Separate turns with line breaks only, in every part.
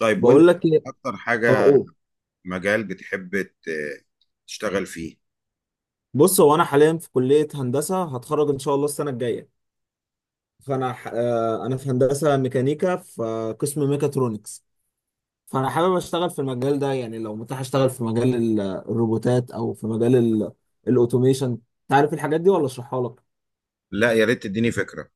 طيب وانت،
بقول لك ايه.
اكتر
اه
حاجة
أوه.
مجال بتحب تشتغل فيه؟
بص، هو انا حاليا في كليه هندسه، هتخرج ان شاء الله السنه الجايه. فانا ح... آه، انا في هندسه ميكانيكا في قسم ميكاترونكس. فانا حابب اشتغل في المجال ده، يعني لو متاح اشتغل في مجال الروبوتات او في مجال الاوتوميشن. تعرف الحاجات دي ولا اشرحها لك؟
لا، يا ريت تديني فكرة.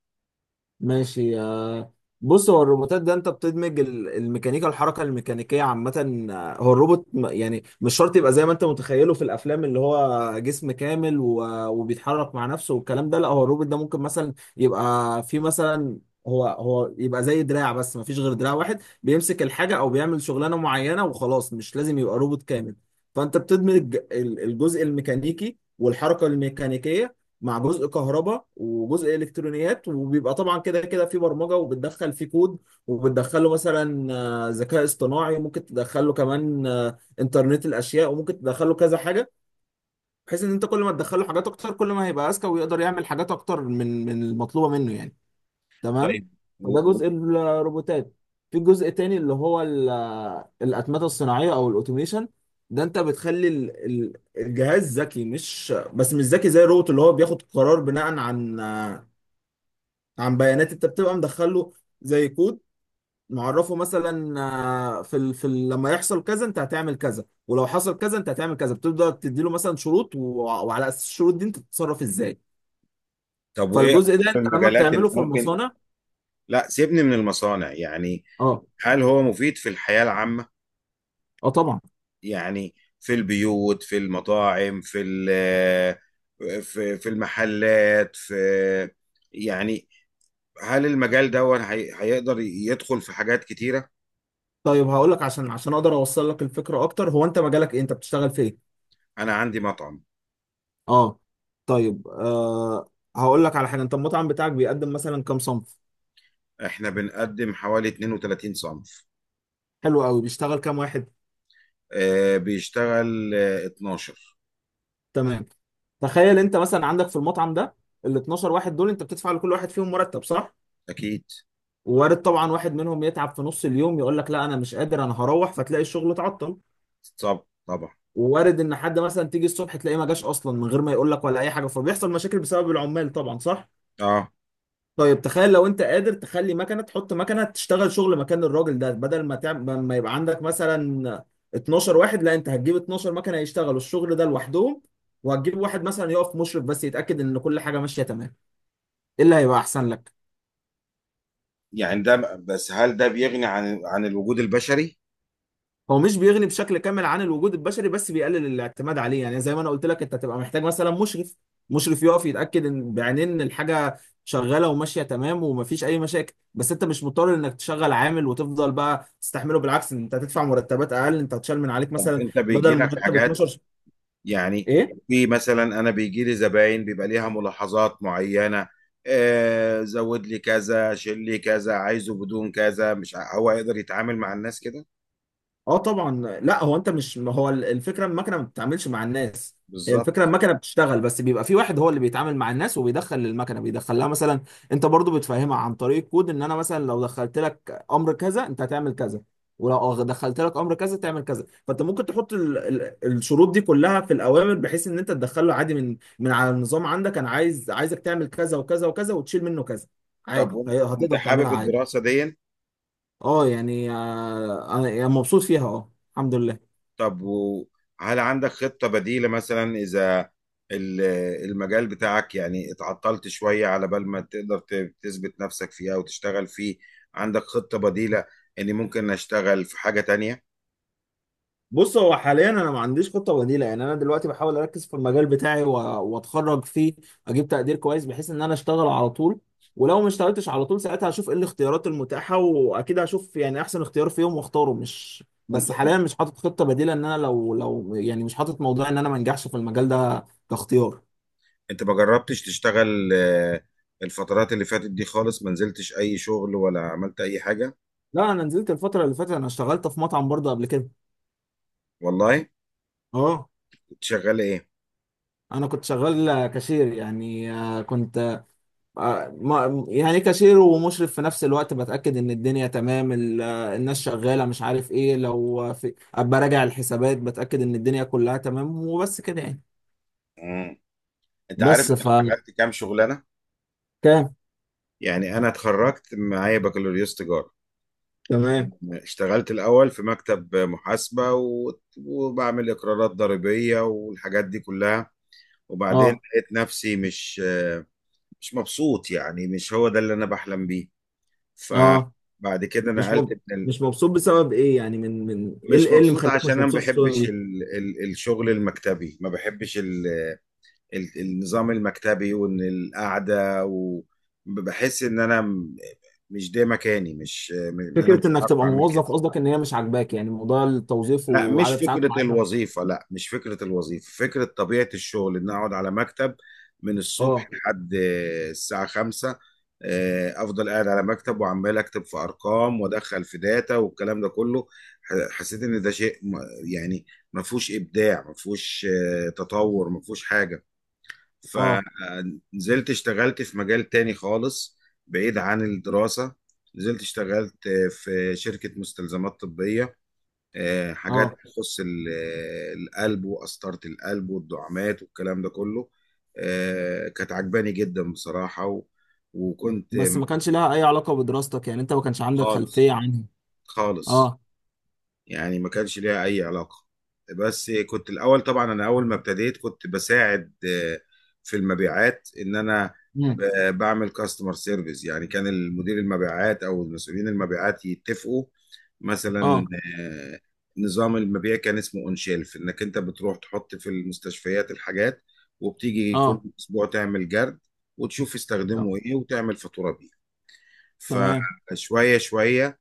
ماشي بص، هو الروبوتات ده انت بتدمج الميكانيكا، الحركه الميكانيكيه عامه. هو الروبوت يعني مش شرط يبقى زي ما انت متخيله في الافلام، اللي هو جسم كامل وبيتحرك مع نفسه والكلام ده. لا، هو الروبوت ده ممكن مثلا يبقى في مثلا هو يبقى زي دراع، بس ما فيش غير دراع واحد بيمسك الحاجه او بيعمل شغلانه معينه وخلاص، مش لازم يبقى روبوت كامل. فانت بتدمج الجزء الميكانيكي والحركه الميكانيكيه مع جزء كهرباء وجزء الكترونيات، وبيبقى طبعا كده كده في برمجه، وبتدخل فيه كود، وبتدخله مثلا ذكاء اصطناعي، وممكن تدخله كمان انترنت الاشياء، وممكن تدخله كذا حاجه، بحيث ان انت كل ما تدخله حاجات اكتر كل ما هيبقى اذكى ويقدر يعمل حاجات اكتر من المطلوبه منه يعني. تمام.
طيب، و...
فده
و...
جزء الروبوتات. في جزء تاني اللي هو الأتمتة الصناعية أو الأوتوميشن. ده أنت بتخلي الجهاز ذكي، مش بس مش ذكي زي الروبوت، اللي هو بياخد قرار بناء عن بيانات أنت بتبقى مدخله زي كود، معرفه مثلا لما يحصل كذا أنت هتعمل كذا، ولو حصل كذا أنت هتعمل كذا. بتبدأ تديله مثلا شروط وعلى أساس الشروط دي أنت تتصرف إزاي.
طب وايه
فالجزء ده
اكتر
أنت لما
المجالات اللي
بتعمله في
ممكن.
المصانع.
لا، سيبني من المصانع يعني.
أه.
هل هو مفيد في الحياة العامة؟
أه طبعا.
يعني في البيوت، في المطاعم، في المحلات في، يعني هل المجال ده هيقدر يدخل في حاجات كتيرة؟
طيب هقول لك، عشان عشان اقدر اوصل لك الفكره اكتر، هو انت مجالك ايه؟ انت بتشتغل في ايه؟
انا عندي مطعم.
اه. طيب هقول لك على حاجه. انت المطعم بتاعك بيقدم مثلا كام صنف؟
احنا بنقدم حوالي 32 صنف.
حلو قوي. بيشتغل كام واحد؟
بيشتغل 12.
تمام. تخيل انت مثلا عندك في المطعم ده، ال 12 واحد دول انت بتدفع لكل واحد فيهم مرتب، صح؟
اكيد.
وارد طبعا واحد منهم يتعب في نص اليوم يقول لك لا انا مش قادر انا هروح، فتلاقي الشغل اتعطل.
طب، طبعا.
ووارد ان حد مثلا تيجي الصبح تلاقيه ما جاش اصلا من غير ما يقول لك ولا اي حاجه، فبيحصل مشاكل بسبب العمال طبعا، صح؟
اه.
طيب تخيل لو انت قادر تخلي مكنه، تحط مكنه تشتغل شغل مكان الراجل ده، بدل ما تعمل ما يبقى عندك مثلا 12 واحد، لا، انت هتجيب 12 مكنه يشتغلوا الشغل ده لوحدهم، وهتجيب واحد مثلا يقف مشرف بس يتاكد ان كل حاجه ماشيه تمام. ايه اللي هيبقى احسن لك؟
يعني ده بس، هل ده بيغني عن الوجود البشري؟
هو مش بيغني بشكل كامل عن الوجود البشري، بس بيقلل الاعتماد عليه. يعني زي ما انا قلت لك، انت هتبقى محتاج مثلا مشرف، مشرف يقف يتاكد ان بعينين ان الحاجه شغاله وماشيه تمام ومفيش اي مشاكل، بس انت مش مضطر انك تشغل عامل وتفضل بقى تستحمله. بالعكس، انت هتدفع مرتبات اقل، انت هتشال من عليك
طب
مثلا
انت بيجي
بدل
لك
مرتب
حاجات
12
يعني،
ايه.
في مثلا انا بيجي لي زباين بيبقى ليها ملاحظات معينة، زود لي كذا، شيل لي كذا، عايزه بدون كذا، مش ع- هو يقدر يتعامل مع الناس كده؟
اه طبعا. لا، هو انت مش، ما هو الفكره المكنه ما بتتعاملش مع الناس. هي الفكره،
بالظبط.
المكنه بتشتغل، بس بيبقى في واحد هو اللي بيتعامل مع الناس وبيدخل للمكنه، بيدخل لها مثلا، انت برضو بتفهمها عن طريق كود، ان انا مثلا لو دخلت لك امر كذا انت هتعمل كذا، ولو دخلت لك امر كذا تعمل كذا. فانت ممكن تحط الشروط دي كلها في الاوامر، بحيث ان انت تدخله عادي من على النظام عندك، انا عايز، عايزك تعمل كذا وكذا وكذا وتشيل منه كذا
طب
عادي.
وإنت
هتقدر
حابب
تعملها عادي.
الدراسة دي؟
اه يعني آه، انا أنا مبسوط فيها، اه الحمد لله.
طب وهل عندك خطة بديلة مثلا إذا ال- المجال بتاعك يعني اتعطلت شوية، على بال ما تقدر تثبت نفسك فيه أو تشتغل فيه، عندك خطة بديلة إني ممكن أشتغل في حاجة تانية؟
بص، هو حاليا انا ما عنديش خطه بديله. يعني انا دلوقتي بحاول اركز في المجال بتاعي واتخرج فيه، اجيب تقدير كويس بحيث ان انا اشتغل على طول. ولو ما اشتغلتش على طول، ساعتها هشوف ايه الاختيارات المتاحه، واكيد هشوف يعني احسن اختيار فيهم واختاره. مش، بس
أنت
حاليا مش حاطط خطه بديله ان انا لو يعني، مش حاطط موضوع ان انا ما انجحش في المجال ده كاختيار.
أنت ما جربتش تشتغل، الفترات اللي فاتت دي خالص ما نزلتش أي شغل ولا عملت أي حاجة؟
لا، انا نزلت الفتره اللي فاتت، انا اشتغلت في مطعم برضه قبل كده.
والله؟
اه.
كنت شغال إيه؟
انا كنت شغال كاشير يعني، آه، كنت آه، ما يعني كاشير ومشرف في نفس الوقت، بتأكد ان الدنيا تمام، الناس شغالة، مش عارف ايه، لو في ابقى راجع الحسابات، بتأكد ان الدنيا كلها تمام وبس كده يعني.
مم. أنت عارف
بس
أنا
ف
اشتغلت كام شغلانة؟
كام.
يعني أنا اتخرجت معايا بكالوريوس تجارة.
تمام.
اشتغلت الأول في مكتب محاسبة وبعمل إقرارات ضريبية والحاجات دي كلها. وبعدين
اه.
لقيت نفسي مش مبسوط، يعني مش هو ده اللي أنا بحلم بيه.
اه
فبعد كده
مش
نقلت
مب...
من
مش مبسوط بسبب ايه يعني، من ايه
مش
إيه اللي
مبسوط
مخليك
عشان
مش
أنا ما
مبسوط في الشغل
بحبش
دي؟
الشغل المكتبي، ما بحبش النظام المكتبي، وإن القعدة وبحس إن أنا مش ده مكاني، مش م- أنا
فكرة
مش
انك
بعرف
تبقى
أعمل كده.
موظف قصدك، ان هي مش عاجباك يعني موضوع التوظيف
لا، مش
وعدد ساعات
فكرة
معينة؟
الوظيفة، لا مش فكرة الوظيفة، فكرة طبيعة الشغل إن أقعد على مكتب من الصبح
اه.
لحد الساعة 5، أفضل قاعد على مكتب وعمال أكتب في أرقام وأدخل في داتا والكلام ده كله. حسيت إن ده شيء يعني ما فيهوش إبداع، ما فيهوش تطور، ما فيهوش حاجة.
اه.
فنزلت اشتغلت في مجال تاني خالص، بعيد عن الدراسة. نزلت اشتغلت في شركة مستلزمات طبية، حاجات
اه
تخص القلب وقسطرة القلب والدعامات والكلام ده كله. كانت عجباني جدا بصراحة وكنت.
بس ما كانش لها اي علاقة بدراستك، يعني انت ما كانش عندك خلفية
خالص،
عنها؟
خالص.
اه.
يعني ما كانش ليها اي علاقة. بس كنت الاول طبعا، انا اول ما ابتديت كنت بساعد في المبيعات، ان انا بعمل كاستمر سيرفيس، يعني كان المدير المبيعات او المسؤولين المبيعات يتفقوا مثلا.
اه.
آه، نظام المبيع كان اسمه اون شيلف، انك انت بتروح تحط في المستشفيات الحاجات، وبتيجي كل
اه
اسبوع تعمل جرد، وتشوف
آه،
استخدمه ايه وتعمل فاتورة بيه.
تمام.
فشوية شوية،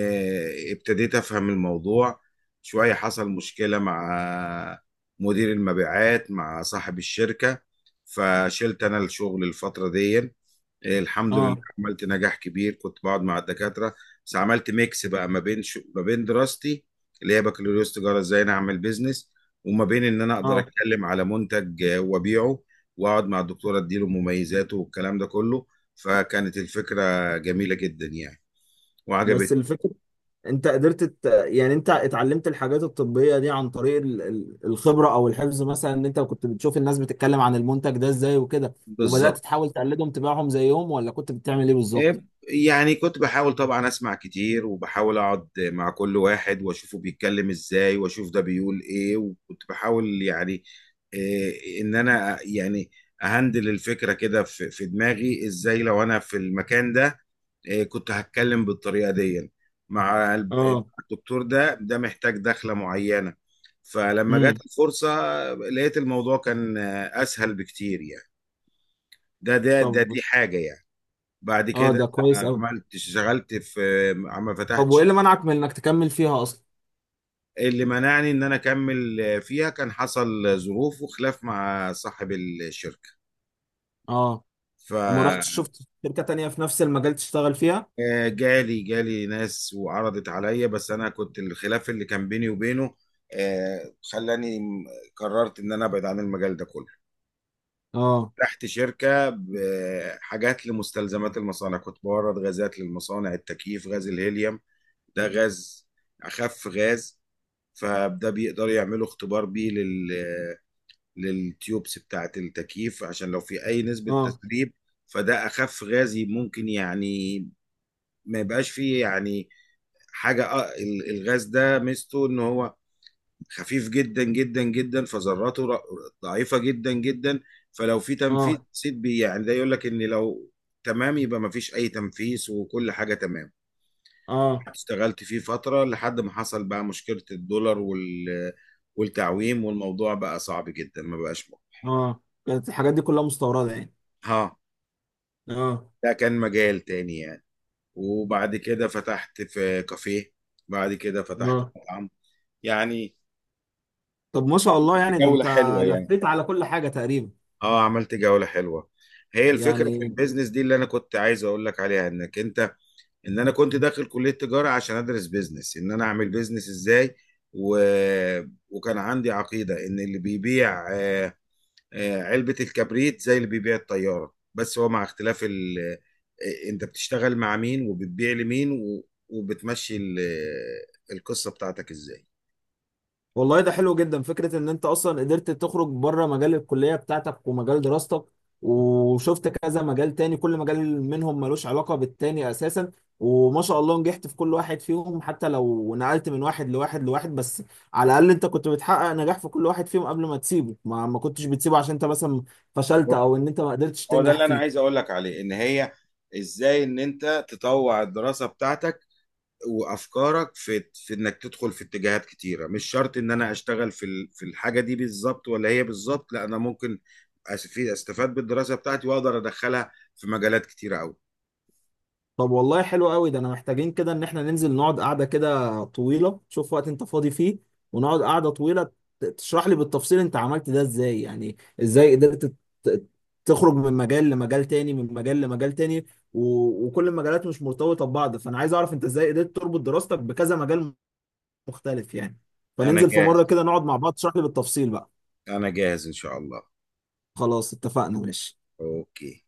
ابتديت افهم الموضوع. شوية حصل مشكلة مع مدير المبيعات، مع صاحب الشركة. فشلت انا الشغل الفترة دي، الحمد لله
اه.
عملت نجاح كبير، كنت بقعد مع الدكاترة. بس عملت ميكس بقى ما بين ما بين دراستي اللي هي بكالوريوس تجارة، ازاي انا اعمل بيزنس، وما بين ان انا اقدر
اه
اتكلم على منتج وابيعه، واقعد مع الدكتورة اديله مميزاته والكلام ده كله. فكانت الفكرة جميلة جدا يعني،
بس
وعجبتني.
الفكرة، يعني انت اتعلمت الحاجات الطبية دي عن طريق الخبرة او الحفظ مثلا؟ ان انت كنت بتشوف الناس بتتكلم عن المنتج ده ازاي وكده، وبدأت
بالظبط.
تحاول تقلدهم تبيعهم زيهم، ولا كنت بتعمل ايه بالظبط؟
إيه، يعني كنت بحاول طبعا اسمع كتير وبحاول اقعد مع كل واحد واشوفه بيتكلم ازاي واشوف ده بيقول ايه، وكنت بحاول يعني إيه، ان انا يعني اهندل الفكرة كده في دماغي ازاي لو انا في المكان ده، إيه كنت هتكلم بالطريقة دي مع
اه.
مع الدكتور، ده محتاج دخلة معينة. فلما
امم.
جت الفرصة لقيت الموضوع كان اسهل بكتير يعني. ده ده ده
طب.
دي حاجة يعني. بعد
اه
كده
ده كويس قوي.
عملت اشتغلت في عم
طب
فتحت
وايه اللي
شركة.
منعك من انك تكمل فيها اصلا؟
اللي منعني ان انا اكمل فيها كان حصل ظروف وخلاف مع صاحب الشركة.
اه. وما رحتش شفت شركة تانية في نفس المجال تشتغل فيها؟
فجالي ناس وعرضت عليا، بس انا كنت الخلاف اللي كان بيني وبينه خلاني قررت ان انا ابعد عن المجال ده كله.
اه.
تحت شركة بحاجات لمستلزمات المصانع، كنت بورد غازات للمصانع، التكييف، غاز الهيليوم. ده غاز، اخف غاز، فده بيقدر يعملوا اختبار بيه للتيوبس بتاعة التكييف عشان لو في أي نسبة
اه.
تسريب. فده أخف غازي ممكن، يعني ما يبقاش فيه يعني حاجة. الغاز ده ميزته إن هو خفيف جدا جدا جدا، فذراته ضعيفة جدا جدا. فلو في تنفيذ
اه.
سيد بي يعني، ده يقول لك إن لو تمام، يبقى ما فيش أي تنفيذ وكل حاجة تمام.
اه.
اشتغلت فيه فترة لحد ما حصل بقى مشكلة الدولار والتعويم، والموضوع بقى صعب جدا، ما بقاش ممكن.
اه كانت الحاجات دي كلها مستوردة يعني؟
ها؟
اه.
ده كان مجال تاني يعني. وبعد كده فتحت في كافيه، بعد كده فتحت
اه.
مطعم يعني.
طب ما شاء الله،
عملت
يعني ده
جولة
انت
حلوة يعني.
لفيت على كل حاجة تقريبا
اه، عملت جولة حلوة. هي الفكرة في
يعني.
البيزنس دي اللي انا كنت عايز اقول لك عليها، انك انت ان انا كنت داخل كلية تجارة عشان ادرس بيزنس، ان انا اعمل بيزنس ازاي. و... وكان عندي عقيدة ان اللي بيبيع، علبة الكبريت زي اللي بيبيع الطيارة، بس هو مع اختلاف ال... آه، انت بتشتغل مع مين وبتبيع لمين، وبتمشي ال... آه، القصة بتاعتك ازاي.
والله ده حلو جدا، فكرة ان انت اصلا قدرت تخرج بره مجال الكلية بتاعتك ومجال دراستك، وشفت كذا مجال تاني، كل مجال منهم ملوش علاقة بالتاني اساسا، وما شاء الله نجحت في كل واحد فيهم. حتى لو نقلت من واحد لواحد لواحد، بس على الاقل انت كنت بتحقق نجاح في كل واحد فيهم قبل ما تسيبه، ما كنتش بتسيبه عشان انت مثلا فشلت
هو
او ان انت ما قدرتش
هو ده
تنجح
اللي انا عايز
فيه.
اقول لك عليه، ان هي ازاي ان انت تطوع الدراسة بتاعتك وافكارك، في انك تدخل في اتجاهات كتيرة، مش شرط ان انا اشتغل في الحاجة دي بالظبط ولا هي بالظبط، لا انا ممكن في استفاد بالدراسة بتاعتي واقدر ادخلها في مجالات كتيرة قوي.
طب والله حلو قوي ده، انا محتاجين كده ان احنا ننزل نقعد قعدة كده طويلة. شوف وقت انت فاضي فيه ونقعد قعدة طويلة، تشرح لي بالتفصيل انت عملت ده ازاي يعني، ازاي قدرت ت- تخرج من مجال لمجال تاني، من مجال لمجال تاني، و... وكل المجالات مش مرتبطة ببعض. فانا عايز اعرف انت ازاي قدرت تربط دراستك بكذا مجال مختلف يعني.
انا
فننزل في مرة
جاهز،
كده نقعد مع بعض، تشرح لي بالتفصيل بقى.
انا جاهز ان شاء الله.
خلاص اتفقنا، ماشي.
اوكي.